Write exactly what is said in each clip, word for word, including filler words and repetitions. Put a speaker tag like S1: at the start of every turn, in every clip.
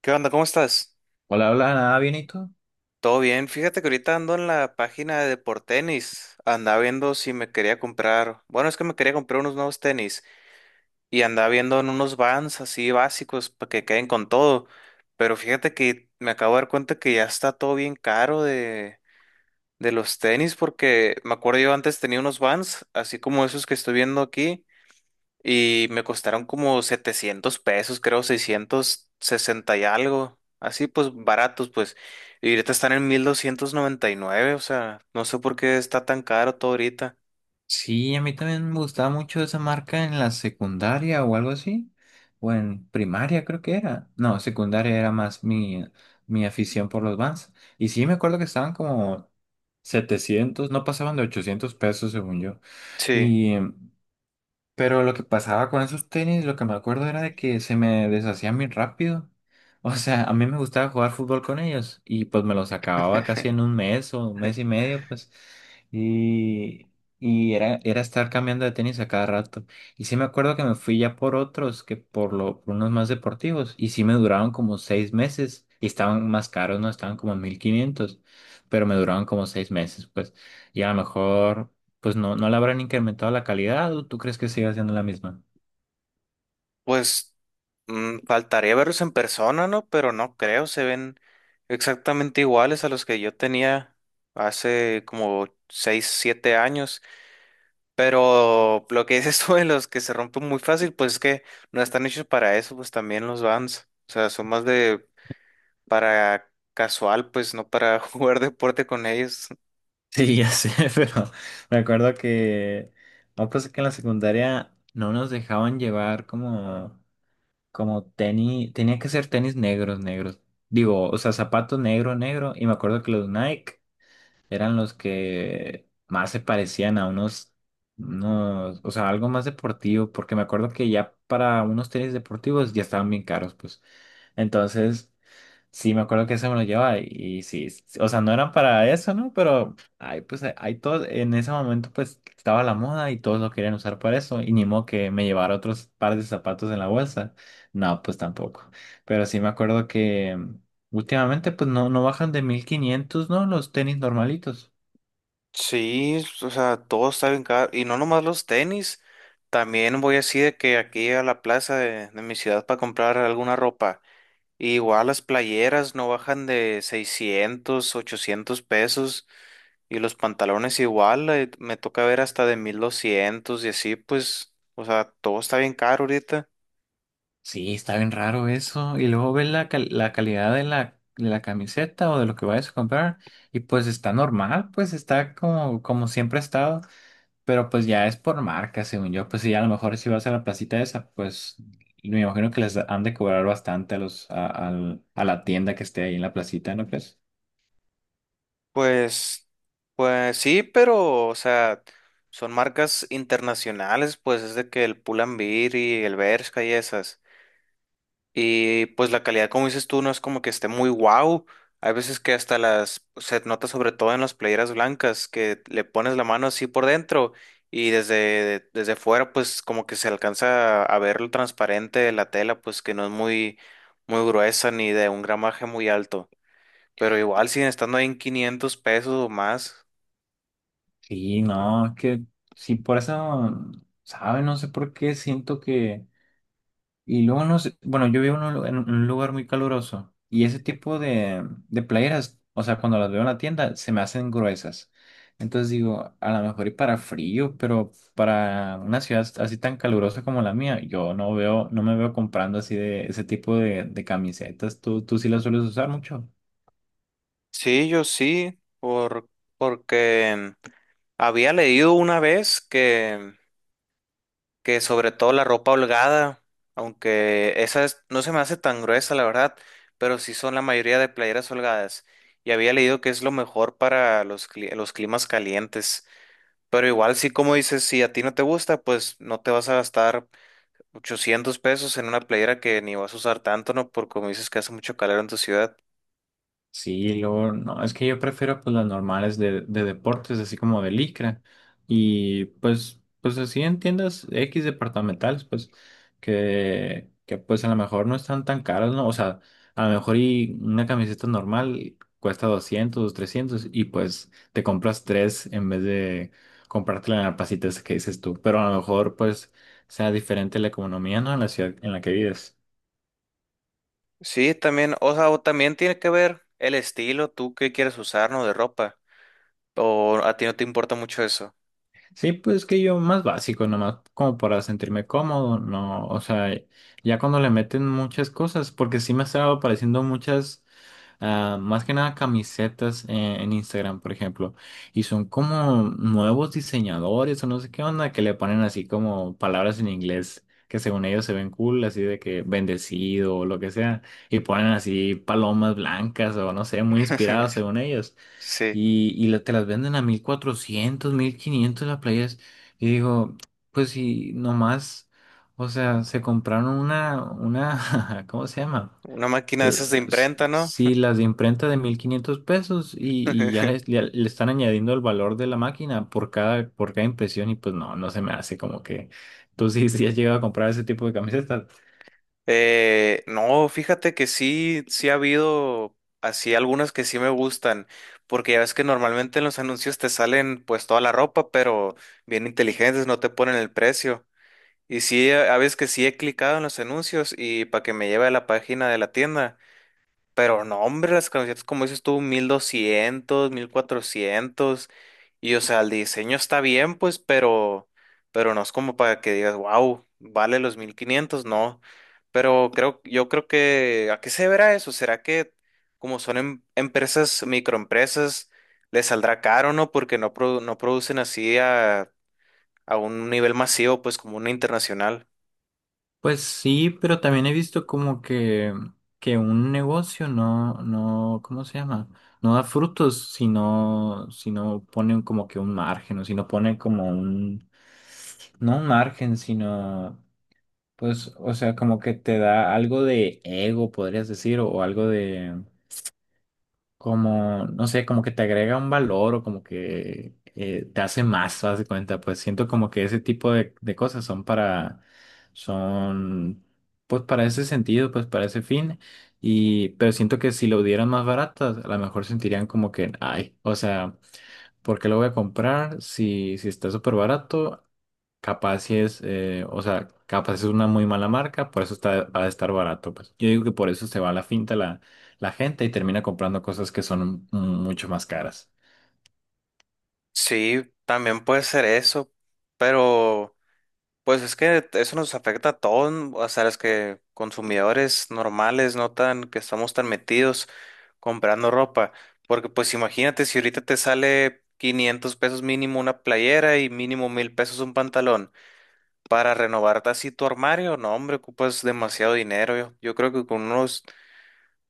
S1: ¿Qué onda? ¿Cómo estás?
S2: Hola, hola, nada bien, ¿y tú?
S1: Todo bien. Fíjate que ahorita ando en la página de por tenis. Andaba viendo si me quería comprar. Bueno, es que me quería comprar unos nuevos tenis. Y andaba viendo en unos Vans así básicos para que queden con todo. Pero fíjate que me acabo de dar cuenta que ya está todo bien caro de, de los tenis. Porque me acuerdo yo antes tenía unos Vans, así como esos que estoy viendo aquí. Y me costaron como setecientos pesos, creo seiscientos sesenta y algo. Así pues baratos, pues. Y ahorita están en mil doscientos noventa y nueve, o sea, no sé por qué está tan caro todo ahorita.
S2: Sí, a mí también me gustaba mucho esa marca en la secundaria o algo así, o en primaria creo que era. No, secundaria era más mi, mi afición por los Vans. Y sí, me acuerdo que estaban como setecientos, no pasaban de ochocientos pesos según yo.
S1: Sí,
S2: Y Pero lo que pasaba con esos tenis, lo que me acuerdo era de que se me deshacían muy rápido. O sea, a mí me gustaba jugar fútbol con ellos y pues me los acababa casi en un mes o un mes y medio, pues. Y, y era, era estar cambiando de tenis a cada rato. Y sí me acuerdo que me fui ya por otros, que por, lo, por unos más deportivos. Y sí me duraron como seis meses y estaban más caros, ¿no? Estaban como mil quinientos, pero me duraron como seis meses, pues. Y a lo mejor pues no, no le habrán incrementado la calidad, ¿o tú crees que sigue siendo la misma?
S1: pues mm, faltaría verlos en persona, ¿no? Pero no creo, se ven exactamente iguales a los que yo tenía hace como seis siete años. Pero lo que dices tú de los que se rompen muy fácil, pues es que no están hechos para eso, pues también los vans. O sea, son más de para casual, pues no para jugar deporte con ellos.
S2: Sí, ya sé, pero me acuerdo que una cosa, que en la secundaria no nos dejaban llevar como, como tenis, tenía que ser tenis negros, negros. Digo, o sea, zapatos negro, negro. Y me acuerdo que los Nike eran los que más se parecían a unos, unos, o sea, algo más deportivo, porque me acuerdo que ya para unos tenis deportivos ya estaban bien caros, pues. Entonces. Sí, me acuerdo que ese me lo llevaba y, sí, sí, s- o sea, no eran para eso, ¿no? Pero ay, pues hay ahí todo, en ese momento pues estaba la moda y todos lo querían usar para eso y ni modo que me llevara otros par de zapatos en la bolsa. No, pues tampoco. Pero sí me acuerdo que mm, últimamente pues no, no bajan de mil quinientos, ¿no? Los tenis normalitos.
S1: Sí, o sea, todo está bien caro. Y no nomás los tenis. También voy así de que aquí a la plaza de, de mi ciudad para comprar alguna ropa. Igual las playeras no bajan de seiscientos ochocientos pesos y los pantalones igual, eh, me toca ver hasta de mil doscientos y así, pues, o sea, todo está bien caro ahorita.
S2: Sí, está bien raro eso. Y luego ves la, cal- la calidad de la, de la camiseta o de lo que vayas a comprar y pues está normal, pues está como, como siempre ha estado. Pero pues ya es por marca, según yo. Pues sí, a lo mejor si vas a la placita esa, pues me imagino que les han de cobrar bastante a los, a, al- a la tienda que esté ahí en la placita, ¿no crees?
S1: Pues, pues sí, pero, o sea, son marcas internacionales, pues es de que el Pull&Bear y el Bershka y esas. Y pues la calidad, como dices tú, no es como que esté muy guau. Hay veces que hasta las se nota sobre todo en las playeras blancas que le pones la mano así por dentro y desde desde fuera pues como que se alcanza a ver lo transparente de la tela pues que no es muy muy gruesa ni de un gramaje muy alto, pero igual siguen estando ahí en quinientos pesos o más.
S2: Sí, no, que sí, por eso, ¿sabe? No sé por qué siento que. Y luego no sé, bueno, yo vivo en un, lu- en un lugar muy caluroso y ese
S1: Sí.
S2: tipo de, de playeras, o sea, cuando las veo en la tienda, se me hacen gruesas. Entonces digo, a lo mejor y para frío, pero para una ciudad así tan calurosa como la mía, yo no veo, no me veo comprando así de ese tipo de, de camisetas. ¿Tú, tú sí las sueles usar mucho?
S1: Sí, yo sí, por porque había leído una vez que que sobre todo la ropa holgada, aunque esa es- no se me hace tan gruesa, la verdad, pero sí son la mayoría de playeras holgadas. Y había leído que es lo mejor para los, cli- los climas calientes. Pero igual, sí, como dices, si a ti no te gusta, pues no te vas a gastar ochocientos pesos en una playera que ni vas a usar tanto, ¿no? Por como dices que hace mucho calor en tu ciudad.
S2: Sí, luego, no, es que yo prefiero pues las normales de, de deportes, así como de licra. Y pues, pues así en tiendas X departamentales, pues, que, que pues a lo mejor no están tan caras, ¿no? O sea, a lo mejor y una camiseta normal cuesta doscientos, trescientos y pues te compras tres en vez de comprártela en la placita esa que dices tú. Pero a lo mejor pues sea diferente la economía, ¿no? En la ciudad en la que vives.
S1: Sí, también, o sea, o también tiene que ver el estilo, tú qué quieres usar, ¿no? De ropa. O a ti no te importa mucho eso.
S2: Sí, pues que yo más básico, nomás como para sentirme cómodo, no, o sea, ya cuando le meten muchas cosas, porque sí me estaba apareciendo muchas, ah, más que nada camisetas en, en Instagram, por ejemplo, y son como nuevos diseñadores o no sé qué onda, que le ponen así como palabras en inglés que según ellos se ven cool, así de que bendecido o lo que sea, y ponen así palomas blancas o no sé, muy inspiradas según ellos.
S1: Sí.
S2: Y, y la- te las venden a mil cuatrocientos, mil quinientos las playas. Y digo, pues si nomás, o sea, se compraron una, una, ¿cómo se llama?
S1: Una máquina de esas de
S2: Las-
S1: imprenta, ¿no?
S2: Si las de imprenta de mil quinientos pesos y, y ya les- ya le están añadiendo el valor de la máquina por cada, por cada impresión y pues no, no se me hace como que tú sí, sí has llegado a comprar ese tipo de camisetas.
S1: Eh, no, fíjate que sí, sí ha habido así algunas que sí me gustan, porque ya ves que normalmente en los anuncios te salen pues toda la ropa, pero bien inteligentes, no te ponen el precio. Y sí, a a veces que sí he clicado en los anuncios y para que me lleve a la página de la tienda. Pero no, hombre, las camisetas, como dices tú, mil doscientos, mil cuatrocientos. Y o sea, el diseño está bien, pues, pero, pero no es como para que digas, wow, vale los mil quinientos no. Pero creo, yo creo que, ¿a qué se verá eso? ¿Será que como son em- empresas, microempresas, les saldrá caro, no? Porque no, produ- no producen así a, a un nivel masivo, pues, como una internacional.
S2: Pues sí, pero también he visto como que, que un negocio no, no, ¿cómo se llama? No da frutos si no, si no ponen como que un margen, o si no ponen como un, no un margen, sino, pues, o sea, como que te da algo de ego, podrías decir, o, o algo de, como, no sé, como que te agrega un valor o como que eh, te hace más, haz de cuenta, pues siento como que ese tipo de, de cosas son para, son, pues para ese sentido, pues para ese fin, y, pero siento que si lo dieran más baratas, a lo mejor sentirían como que, ay, o sea, ¿por qué lo voy a comprar si, si está súper barato? Capaz si es, eh, o sea, capaz es una muy mala marca, por eso está, va a estar barato, pues. Yo digo que por eso se va a la finta la, la gente y termina comprando cosas que son mm, mucho más caras.
S1: Sí, también puede ser eso, pero. Pues es que eso nos afecta a todos, o sea, los que consumidores normales, no tan que estamos tan metidos comprando ropa, porque pues imagínate si ahorita te sale quinientos pesos mínimo una playera y mínimo mil pesos un pantalón para renovar así tu armario, no hombre, ocupas demasiado dinero. Yo, yo creo que con unos,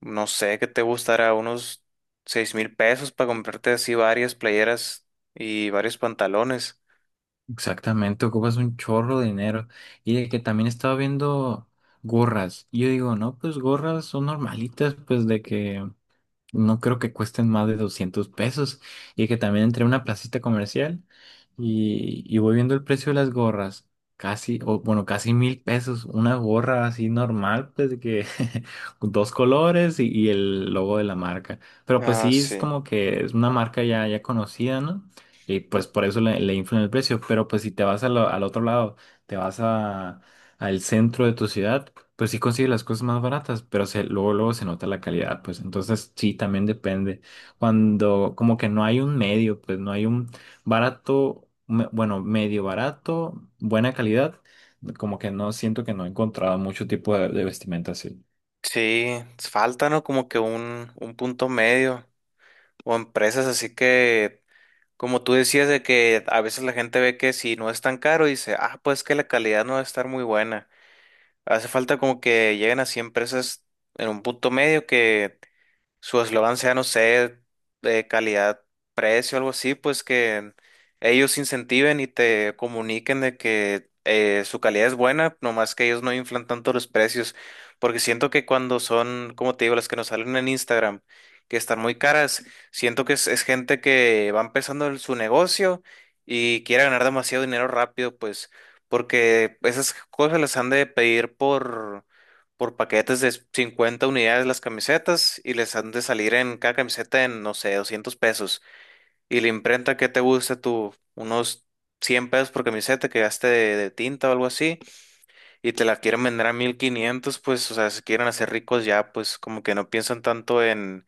S1: no sé, que te gustará unos seis mil pesos para comprarte así varias playeras y varios pantalones.
S2: Exactamente, ocupas un chorro de dinero. Y de que también estaba viendo gorras. Y yo digo, no, pues gorras son normalitas, pues de que. No creo que cuesten más de doscientos pesos. Y que también entré a una placita comercial y, y voy viendo el precio de las gorras. Casi, o bueno, casi mil pesos. Una gorra así normal, pues de que con dos colores y, y el logo de la marca. Pero pues
S1: Ah,
S2: sí, es
S1: sí.
S2: como que es una marca ya, ya conocida, ¿no? Y pues por eso le, le inflan el precio. Pero pues si te vas a lo- al otro lado, te vas a, al centro de tu ciudad, pues sí consigue las cosas más baratas, pero se, luego, luego se nota la calidad, pues entonces sí, también depende. Cuando como que no hay un medio, pues no hay un barato, me- bueno, medio barato, buena calidad, como que no siento que no he encontrado mucho tipo de, de vestimenta así.
S1: Sí, falta, ¿no? Como que un, un punto medio. O empresas así que, como tú decías, de que a veces la gente ve que si no es tan caro, dice, ah, pues que la calidad no va a estar muy buena. Hace falta como que lleguen así empresas en un punto medio que su eslogan sea, no sé, de calidad, precio, algo así, pues que ellos incentiven y te comuniquen de que eh, su calidad es buena, nomás que ellos no inflan tanto los precios, porque siento que cuando son, como te digo, las que nos salen en Instagram, que están muy caras, siento que es, es gente que va empezando en su negocio y quiere ganar demasiado dinero rápido, pues, porque esas cosas las han de pedir por por paquetes de cincuenta unidades las camisetas y les han de salir en cada camiseta en, no sé, doscientos pesos. Y la imprenta que te guste tú, unos cien pesos por camiseta que gaste de, de tinta o algo así, y te la quieren vender a mil quinientos pues, o sea, se quieren hacer ricos ya, pues como que no piensan tanto en,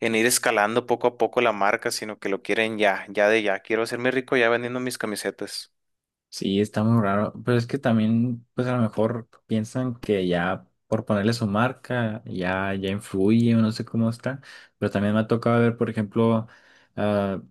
S1: en ir escalando poco a poco la marca, sino que lo quieren ya, ya de ya. Quiero hacerme rico ya vendiendo mis camisetas.
S2: Sí, está muy raro, pero es que también, pues a lo mejor piensan que ya por ponerle su marca, ya, ya influye o no sé cómo está, pero también me ha tocado ver, por ejemplo, ah,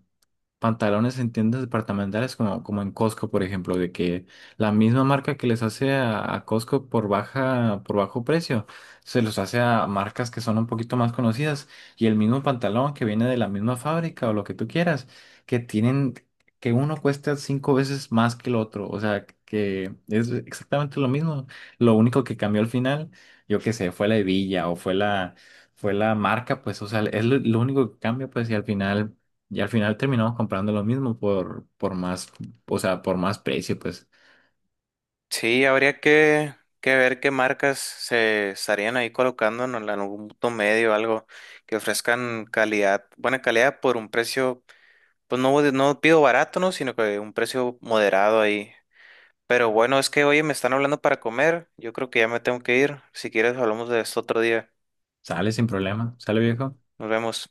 S2: pantalones en tiendas departamentales como, como en Costco, por ejemplo, de que la misma marca que les hace a, a Costco por baja, por bajo precio, se los hace a marcas que son un poquito más conocidas y el mismo pantalón que viene de la misma fábrica o lo que tú quieras, que tienen, que uno cuesta cinco veces más que el otro, o sea, que es exactamente lo mismo, lo único que cambió al final, yo qué sé, fue la hebilla o fue la... Fue la marca, pues, o sea, es lo, lo único que cambia, pues, y al final y al final terminamos comprando lo mismo por, por más, o sea, por más precio, pues
S1: Sí, habría que, que ver qué marcas se estarían ahí colocando en el- algún punto medio, algo que ofrezcan calidad, buena calidad por un precio, pues no, de- no pido barato, ¿no? Sino que un precio moderado ahí. Pero bueno, es que oye, me están hablando para comer, yo creo que ya me tengo que ir. Si quieres, hablamos de esto otro día.
S2: sale sin problema, sale viejo.
S1: Nos vemos.